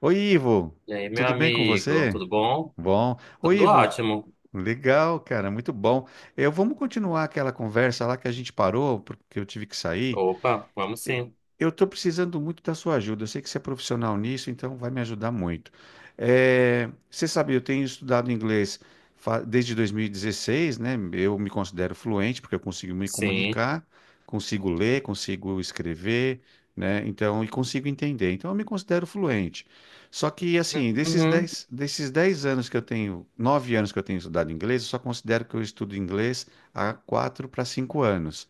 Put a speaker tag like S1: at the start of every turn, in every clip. S1: Oi, Ivo,
S2: E aí, meu
S1: tudo bem com
S2: amigo,
S1: você?
S2: tudo bom?
S1: Bom. Oi,
S2: Tudo
S1: Ivo,
S2: ótimo.
S1: legal, cara, muito bom. Vamos continuar aquela conversa lá que a gente parou, porque eu tive que sair.
S2: Opa, vamos sim.
S1: Eu estou precisando muito da sua ajuda. Eu sei que você é profissional nisso, então vai me ajudar muito. Você sabe, eu tenho estudado inglês desde 2016, né? Eu me considero fluente porque eu consigo me
S2: Sim.
S1: comunicar, consigo ler, consigo escrever, né? Então, e consigo entender. Então, eu me considero fluente. Só que, assim, desses
S2: Uhum.
S1: dez, desses dez anos que eu tenho, 9 anos que eu tenho estudado inglês, eu só considero que eu estudo inglês há 4 para 5 anos.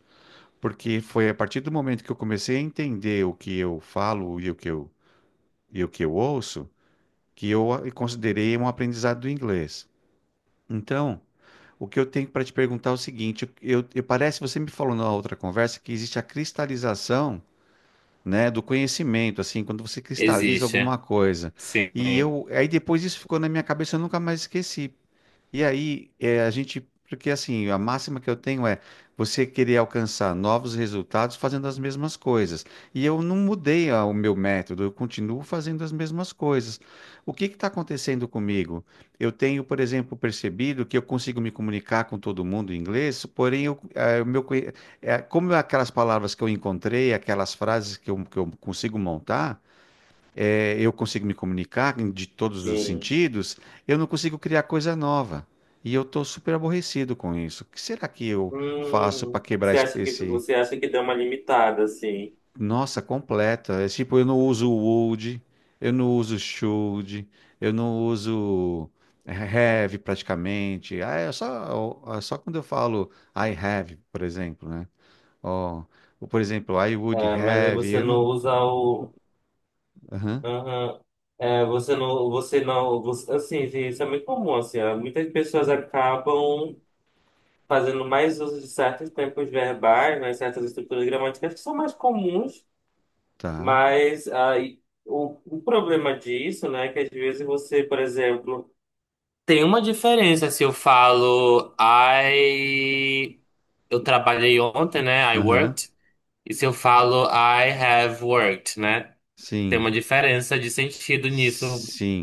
S1: Porque foi a partir do momento que eu comecei a entender o que eu falo e e o que eu ouço, que eu considerei um aprendizado do inglês. Então, o que eu tenho para te perguntar é o seguinte, parece que você me falou na outra conversa que existe a cristalização, né, do conhecimento, assim, quando você cristaliza
S2: Existe.
S1: alguma coisa.
S2: Sim.
S1: E aí depois isso ficou na minha cabeça, eu nunca mais esqueci. E aí, porque assim, a máxima que eu tenho é você querer alcançar novos resultados fazendo as mesmas coisas. E eu não mudei o meu método, eu continuo fazendo as mesmas coisas. O que está acontecendo comigo? Eu tenho, por exemplo, percebido que eu consigo me comunicar com todo mundo em inglês, porém, eu, eh, o meu, conhe- eh, como aquelas palavras que eu encontrei, aquelas frases que eu consigo montar eu consigo me comunicar de todos os
S2: Sim.
S1: sentidos, eu não consigo criar coisa nova. E eu estou super aborrecido com isso. O que será que eu faço para quebrar
S2: Você acha que você acha que deu uma limitada, assim?
S1: nossa, completa. É tipo, eu não uso would, eu não uso should, eu não uso é, have praticamente. Ah, é só quando eu falo I have, por exemplo, né? Ó, ou, por exemplo, I would
S2: É, mas aí
S1: have,
S2: você
S1: eu
S2: não
S1: não...
S2: usa o.
S1: Aham,
S2: Aham. É, você não. Você não. Assim, gente, isso é muito comum, assim. Ó, muitas pessoas acabam fazendo mais uso de certos tempos verbais, né, certas estruturas gramaticais que são mais comuns.
S1: tá.
S2: Mas aí, o problema disso, né, é que às vezes você, por exemplo, tem uma diferença se eu falo I eu trabalhei ontem, né? I
S1: Aham,
S2: worked, e se eu falo I have worked, né? Tem
S1: sim,
S2: uma diferença de sentido nisso.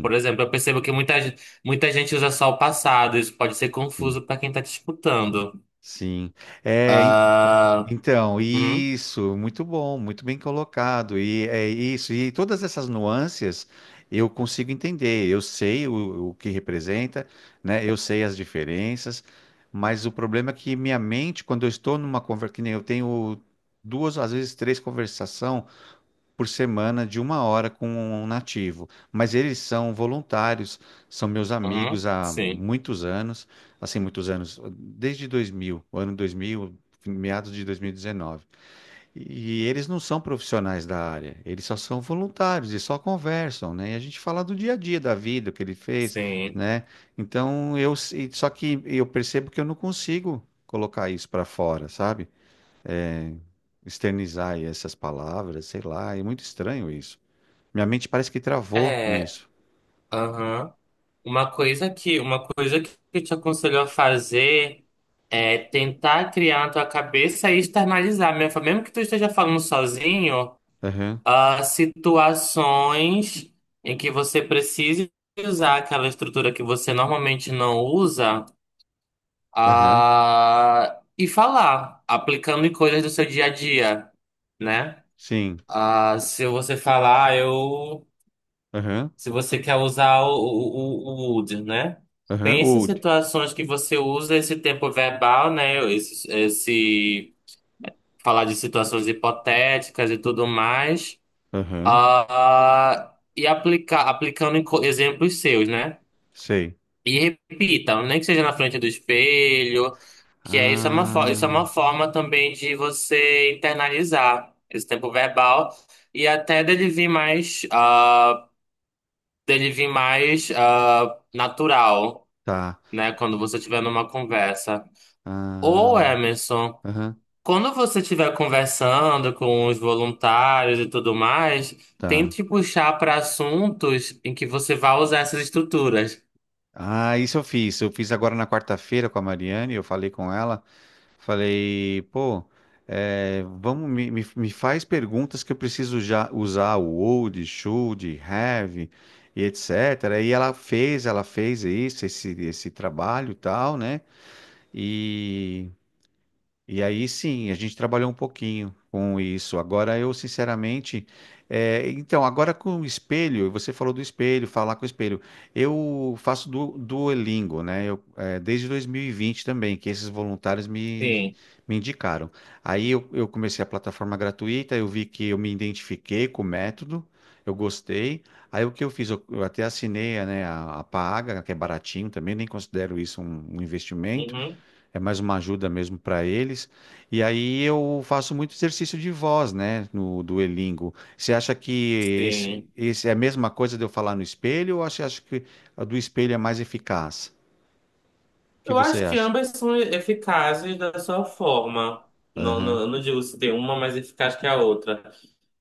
S2: Por exemplo, eu percebo que muita gente usa só o passado, isso pode ser
S1: Sim.
S2: confuso para quem tá te escutando.
S1: Sim. É,
S2: Ah,
S1: então,
S2: uhum,
S1: isso, muito bom, muito bem colocado. E é isso, e todas essas nuances eu consigo entender. Eu sei o que representa, né? Eu sei as diferenças, mas o problema é que minha mente, quando eu estou numa conversa, que nem eu tenho duas, às vezes três conversações por semana de 1 hora com um nativo. Mas eles são voluntários, são meus
S2: uhum,
S1: amigos há
S2: sim,
S1: muitos anos, assim, muitos anos, desde 2000, o ano 2000, meados de 2019. E dezenove. E eles não são profissionais da área, eles só são voluntários e só conversam, né? E a gente fala do dia a dia, da vida, o que ele fez,
S2: sim.
S1: né? Então, só que eu percebo que eu não consigo colocar isso para fora, sabe? Externizar essas palavras, sei lá, é muito estranho isso. Minha mente parece que travou
S2: É,
S1: nisso.
S2: aham. Uma coisa que eu te aconselho a fazer é tentar criar na tua cabeça e externalizar, mesmo que tu esteja falando sozinho,
S1: Aham,
S2: situações em que você precise usar aquela estrutura que você normalmente não usa,
S1: aham,
S2: e falar, aplicando em coisas do seu dia a dia, né?
S1: sim.
S2: Se você falar, "Ah, eu
S1: Aham,
S2: se você quer usar o would, né?
S1: aham,
S2: Pense em
S1: old.
S2: situações que você usa esse tempo verbal, né? Esse falar de situações hipotéticas e tudo mais.
S1: Aham,
S2: E aplicar, aplicando em exemplos seus, né?
S1: sei.
S2: E repita, nem que seja na frente do espelho, que é isso é uma, isso é uma
S1: Ah,
S2: forma também de você internalizar esse tempo verbal e até dele vir mais. Dele vir mais natural,
S1: tá.
S2: né? Quando você tiver numa conversa. Ou,
S1: Ah,
S2: Emerson,
S1: aham,
S2: quando você estiver conversando com os voluntários e tudo mais,
S1: tá.
S2: tente puxar para assuntos em que você vai usar essas estruturas.
S1: Ah, isso eu fiz. Eu fiz agora na quarta-feira com a Mariane. Eu falei com ela. Falei, pô, vamos, me faz perguntas que eu preciso já usar o old, should, have e etc. E ela fez isso, esse trabalho e tal, né? E. E aí sim, a gente trabalhou um pouquinho com isso. Agora eu, sinceramente, então, agora com o espelho, você falou do espelho, falar com o espelho. Eu faço Duolingo, né? Desde 2020 também, que esses voluntários me,
S2: Sim.
S1: me indicaram. Aí eu comecei a plataforma gratuita, eu vi que eu me identifiquei com o método, eu gostei. Aí o que eu fiz? Eu até assinei, né, a paga, que é baratinho também, nem considero isso um investimento.
S2: Uhum.
S1: É mais uma ajuda mesmo para eles. E aí eu faço muito exercício de voz, né, no Duolingo. Você acha que esse,
S2: Sim.
S1: esse é a mesma coisa de eu falar no espelho ou você acha que a do espelho é mais eficaz? O que
S2: Eu
S1: você
S2: acho que
S1: acha?
S2: ambas são eficazes da sua forma. Não, não,
S1: Aham,
S2: eu não digo se tem uma mais eficaz que a outra.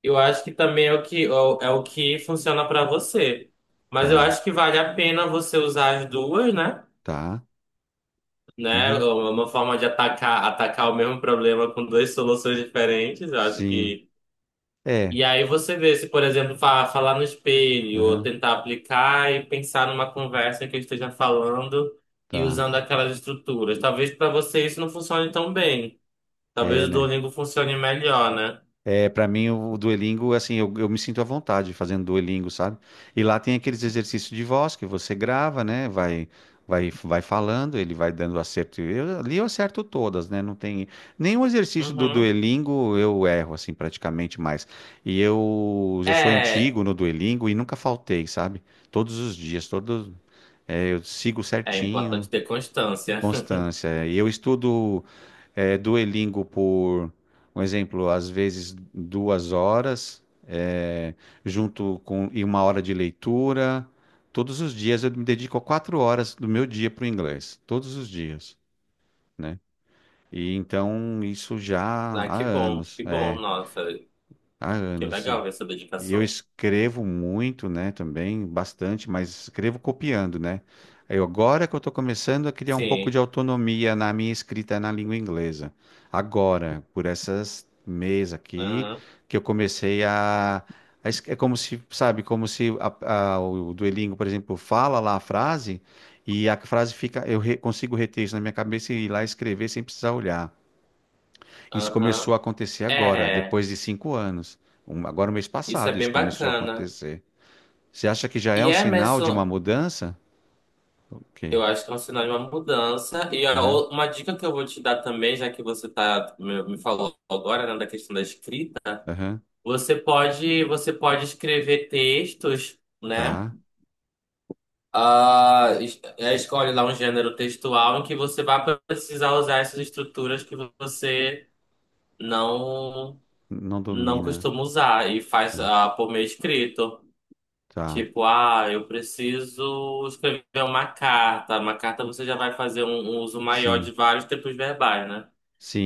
S2: Eu acho que também é o que, é o é o que funciona para você. Mas eu
S1: tá,
S2: acho que vale a pena você usar as duas, né?
S1: tá.
S2: Né? É
S1: Uhum,
S2: uma forma de atacar, atacar o mesmo problema com duas soluções diferentes. Eu acho
S1: sim.
S2: que.
S1: É,
S2: E aí você vê se, por exemplo, falar no espelho, ou
S1: aham,
S2: tentar aplicar e pensar numa conversa que eu esteja falando e
S1: tá.
S2: usando aquelas estruturas. Talvez para você isso não funcione tão bem. Talvez
S1: É,
S2: o
S1: né?
S2: Duolingo funcione melhor, né?
S1: É, para mim, o Duolingo, assim, eu me sinto à vontade fazendo Duolingo, sabe? E lá tem aqueles exercícios de voz que você grava, né? Vai, vai, vai falando, ele vai dando acerto. Ali eu acerto todas, né? Não tem nenhum exercício do
S2: Uhum.
S1: Duolingo eu erro, assim, praticamente mais. E eu já sou
S2: É,
S1: antigo no Duolingo e nunca faltei, sabe? Todos os dias, todos, eu sigo
S2: é
S1: certinho,
S2: importante ter constância.
S1: constância. E eu estudo. É, Duolingo um exemplo, às vezes 2 horas, junto com e 1 hora de leitura. Todos os dias eu me dedico 4 horas do meu dia para o inglês, todos os dias, né? E então isso já
S2: Ah,
S1: há anos,
S2: que bom, nossa,
S1: há
S2: que
S1: anos.
S2: legal
S1: E
S2: essa
S1: eu
S2: dedicação.
S1: escrevo muito, né, também, bastante, mas escrevo copiando, né? Eu, agora que eu estou começando a criar um pouco
S2: Sim,
S1: de autonomia na minha escrita na língua inglesa. Agora, por essas mês aqui,
S2: aham,
S1: que eu comecei é como se, sabe, como se o Duolingo, por exemplo, fala lá a frase e a frase fica... Eu consigo reter isso na minha cabeça e ir lá escrever sem precisar olhar. Isso começou
S2: aham.
S1: a acontecer agora,
S2: É,
S1: depois de 5 anos. Agora, mês
S2: isso é
S1: passado, isso
S2: bem
S1: começou a
S2: bacana.
S1: acontecer. Você acha que já é
S2: E
S1: um
S2: é,
S1: sinal de uma
S2: Emerson,
S1: mudança? Ok.
S2: eu acho que é um sinal de uma mudança. E a
S1: Aham,
S2: uma dica que eu vou te dar também, já que você tá, me falou agora, né, da questão da escrita,
S1: aham,
S2: você pode escrever textos, né?
S1: tá.
S2: Ah, é, escolhe lá um gênero textual em que você vai precisar usar essas estruturas que você não.
S1: Não
S2: Não
S1: domina.
S2: costumo usar e faz
S1: Tá,
S2: por meio escrito.
S1: tá.
S2: Tipo, ah, eu preciso escrever uma carta. Uma carta você já vai fazer um, um uso maior
S1: Sim,
S2: de vários tempos verbais, né?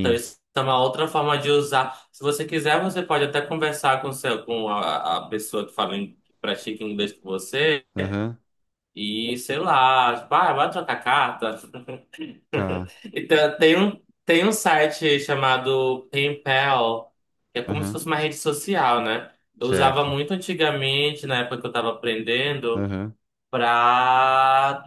S2: Então isso é uma outra forma de usar. Se você quiser, você pode até conversar com, seu, com a pessoa que fala, que pratica inglês com você
S1: Aham,
S2: e, sei lá, tipo, ah, vai trocar carta.
S1: tá.
S2: Então, tem um site chamado PenPal, que é como se
S1: Aham,
S2: fosse uma rede social, né? Eu usava
S1: certo.
S2: muito antigamente, na época que eu estava aprendendo,
S1: Aham,
S2: para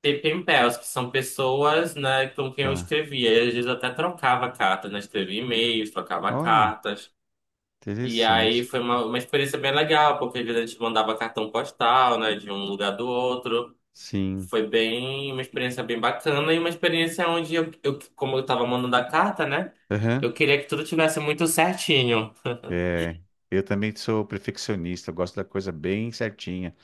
S2: ter PenPals, que são pessoas, né, com quem eu
S1: tá.
S2: escrevia. E às vezes eu até trocava cartas, né? Escrevia e-mails, trocava
S1: Olha,
S2: cartas. E aí
S1: interessante.
S2: foi uma experiência bem legal, porque às vezes a gente mandava cartão postal, né, de um lugar do outro.
S1: Sim.
S2: Foi bem, uma experiência bem bacana e uma experiência onde como eu tava mandando a carta, né?
S1: Aham,
S2: Eu queria que tudo tivesse muito certinho.
S1: é. Eu também sou perfeccionista, eu gosto da coisa bem certinha.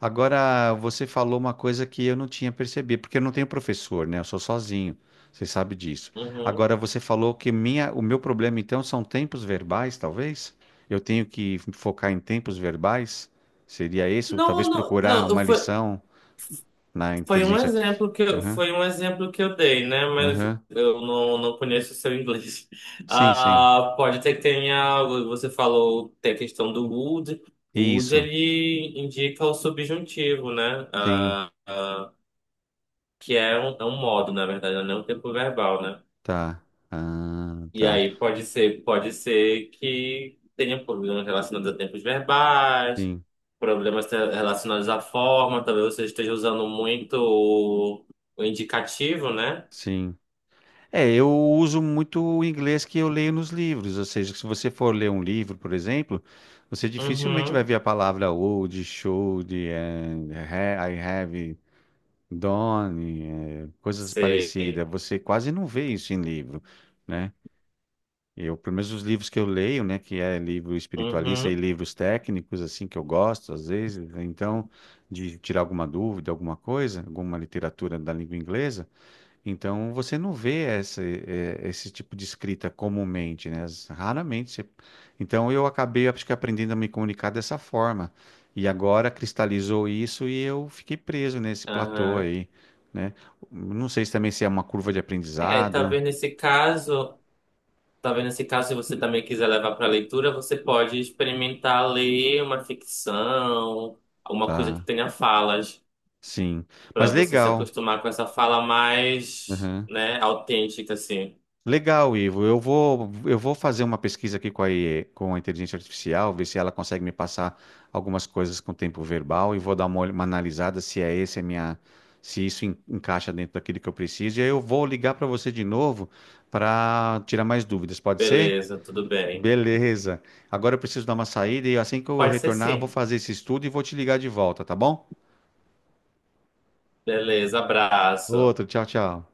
S1: Agora, você falou uma coisa que eu não tinha percebido, porque eu não tenho professor, né? Eu sou sozinho. Você sabe disso.
S2: Uhum.
S1: Agora, você falou que o meu problema, então, são tempos verbais, talvez? Eu tenho que focar em tempos verbais? Seria isso? Talvez
S2: Não, não,
S1: procurar
S2: não,
S1: uma
S2: foi,
S1: lição na
S2: foi um
S1: inteligência artificial.
S2: exemplo
S1: Aham,
S2: foi um exemplo que eu dei, né? Mas
S1: aham.
S2: eu não conheço o seu inglês.
S1: Sim, sim.
S2: Ah, pode ter que tenha, você falou, tem a questão do would. O would,
S1: Isso.
S2: ele indica o subjuntivo, né?
S1: Sim,
S2: Ah, que é um modo, na verdade, não é um tempo verbal, né?
S1: tá. Ah,
S2: E
S1: tá.
S2: aí pode ser que tenha problemas relacionados a tempos verbais,
S1: Sim,
S2: problemas relacionados à forma, talvez você esteja usando muito o indicativo, né?
S1: sim. É, eu uso muito o inglês que eu leio nos livros, ou seja, se você for ler um livro, por exemplo, você dificilmente vai
S2: Uhum.
S1: ver a palavra old, should, and I have done, coisas
S2: Sei.
S1: parecidas. Você quase não vê isso em livro, né? Eu, pelo menos os livros que eu leio, né, que é livro espiritualista e
S2: Uhum.
S1: livros técnicos, assim, que eu gosto, às vezes, então, de tirar alguma dúvida, alguma coisa, alguma literatura da língua inglesa, então você não vê esse tipo de escrita comumente, né? Raramente. Você- então eu acabei, acho que aprendendo a me comunicar dessa forma. E agora cristalizou isso e eu fiquei preso nesse platô
S2: Aham.
S1: aí, né? Não sei se também se é uma curva de
S2: É,
S1: aprendizado,
S2: talvez nesse caso, se você também quiser levar para leitura, você pode experimentar ler uma ficção, alguma coisa que
S1: tá?
S2: tenha falas.
S1: Sim. Mas
S2: Para você se
S1: legal.
S2: acostumar com essa fala mais, né, autêntica, assim.
S1: Legal, Ivo. Eu vou fazer uma pesquisa aqui IE com a inteligência artificial, ver se ela consegue me passar algumas coisas com tempo verbal e vou dar uma, uma analisada se é esse a minha, se isso encaixa dentro daquilo que eu preciso. E aí eu vou ligar para você de novo para tirar mais dúvidas. Pode ser?
S2: Beleza, tudo bem.
S1: Beleza. Agora eu preciso dar uma saída e assim que eu
S2: Pode ser
S1: retornar, eu vou
S2: sim.
S1: fazer esse estudo e vou te ligar de volta, tá bom?
S2: Beleza, abraço.
S1: Outro, tchau, tchau.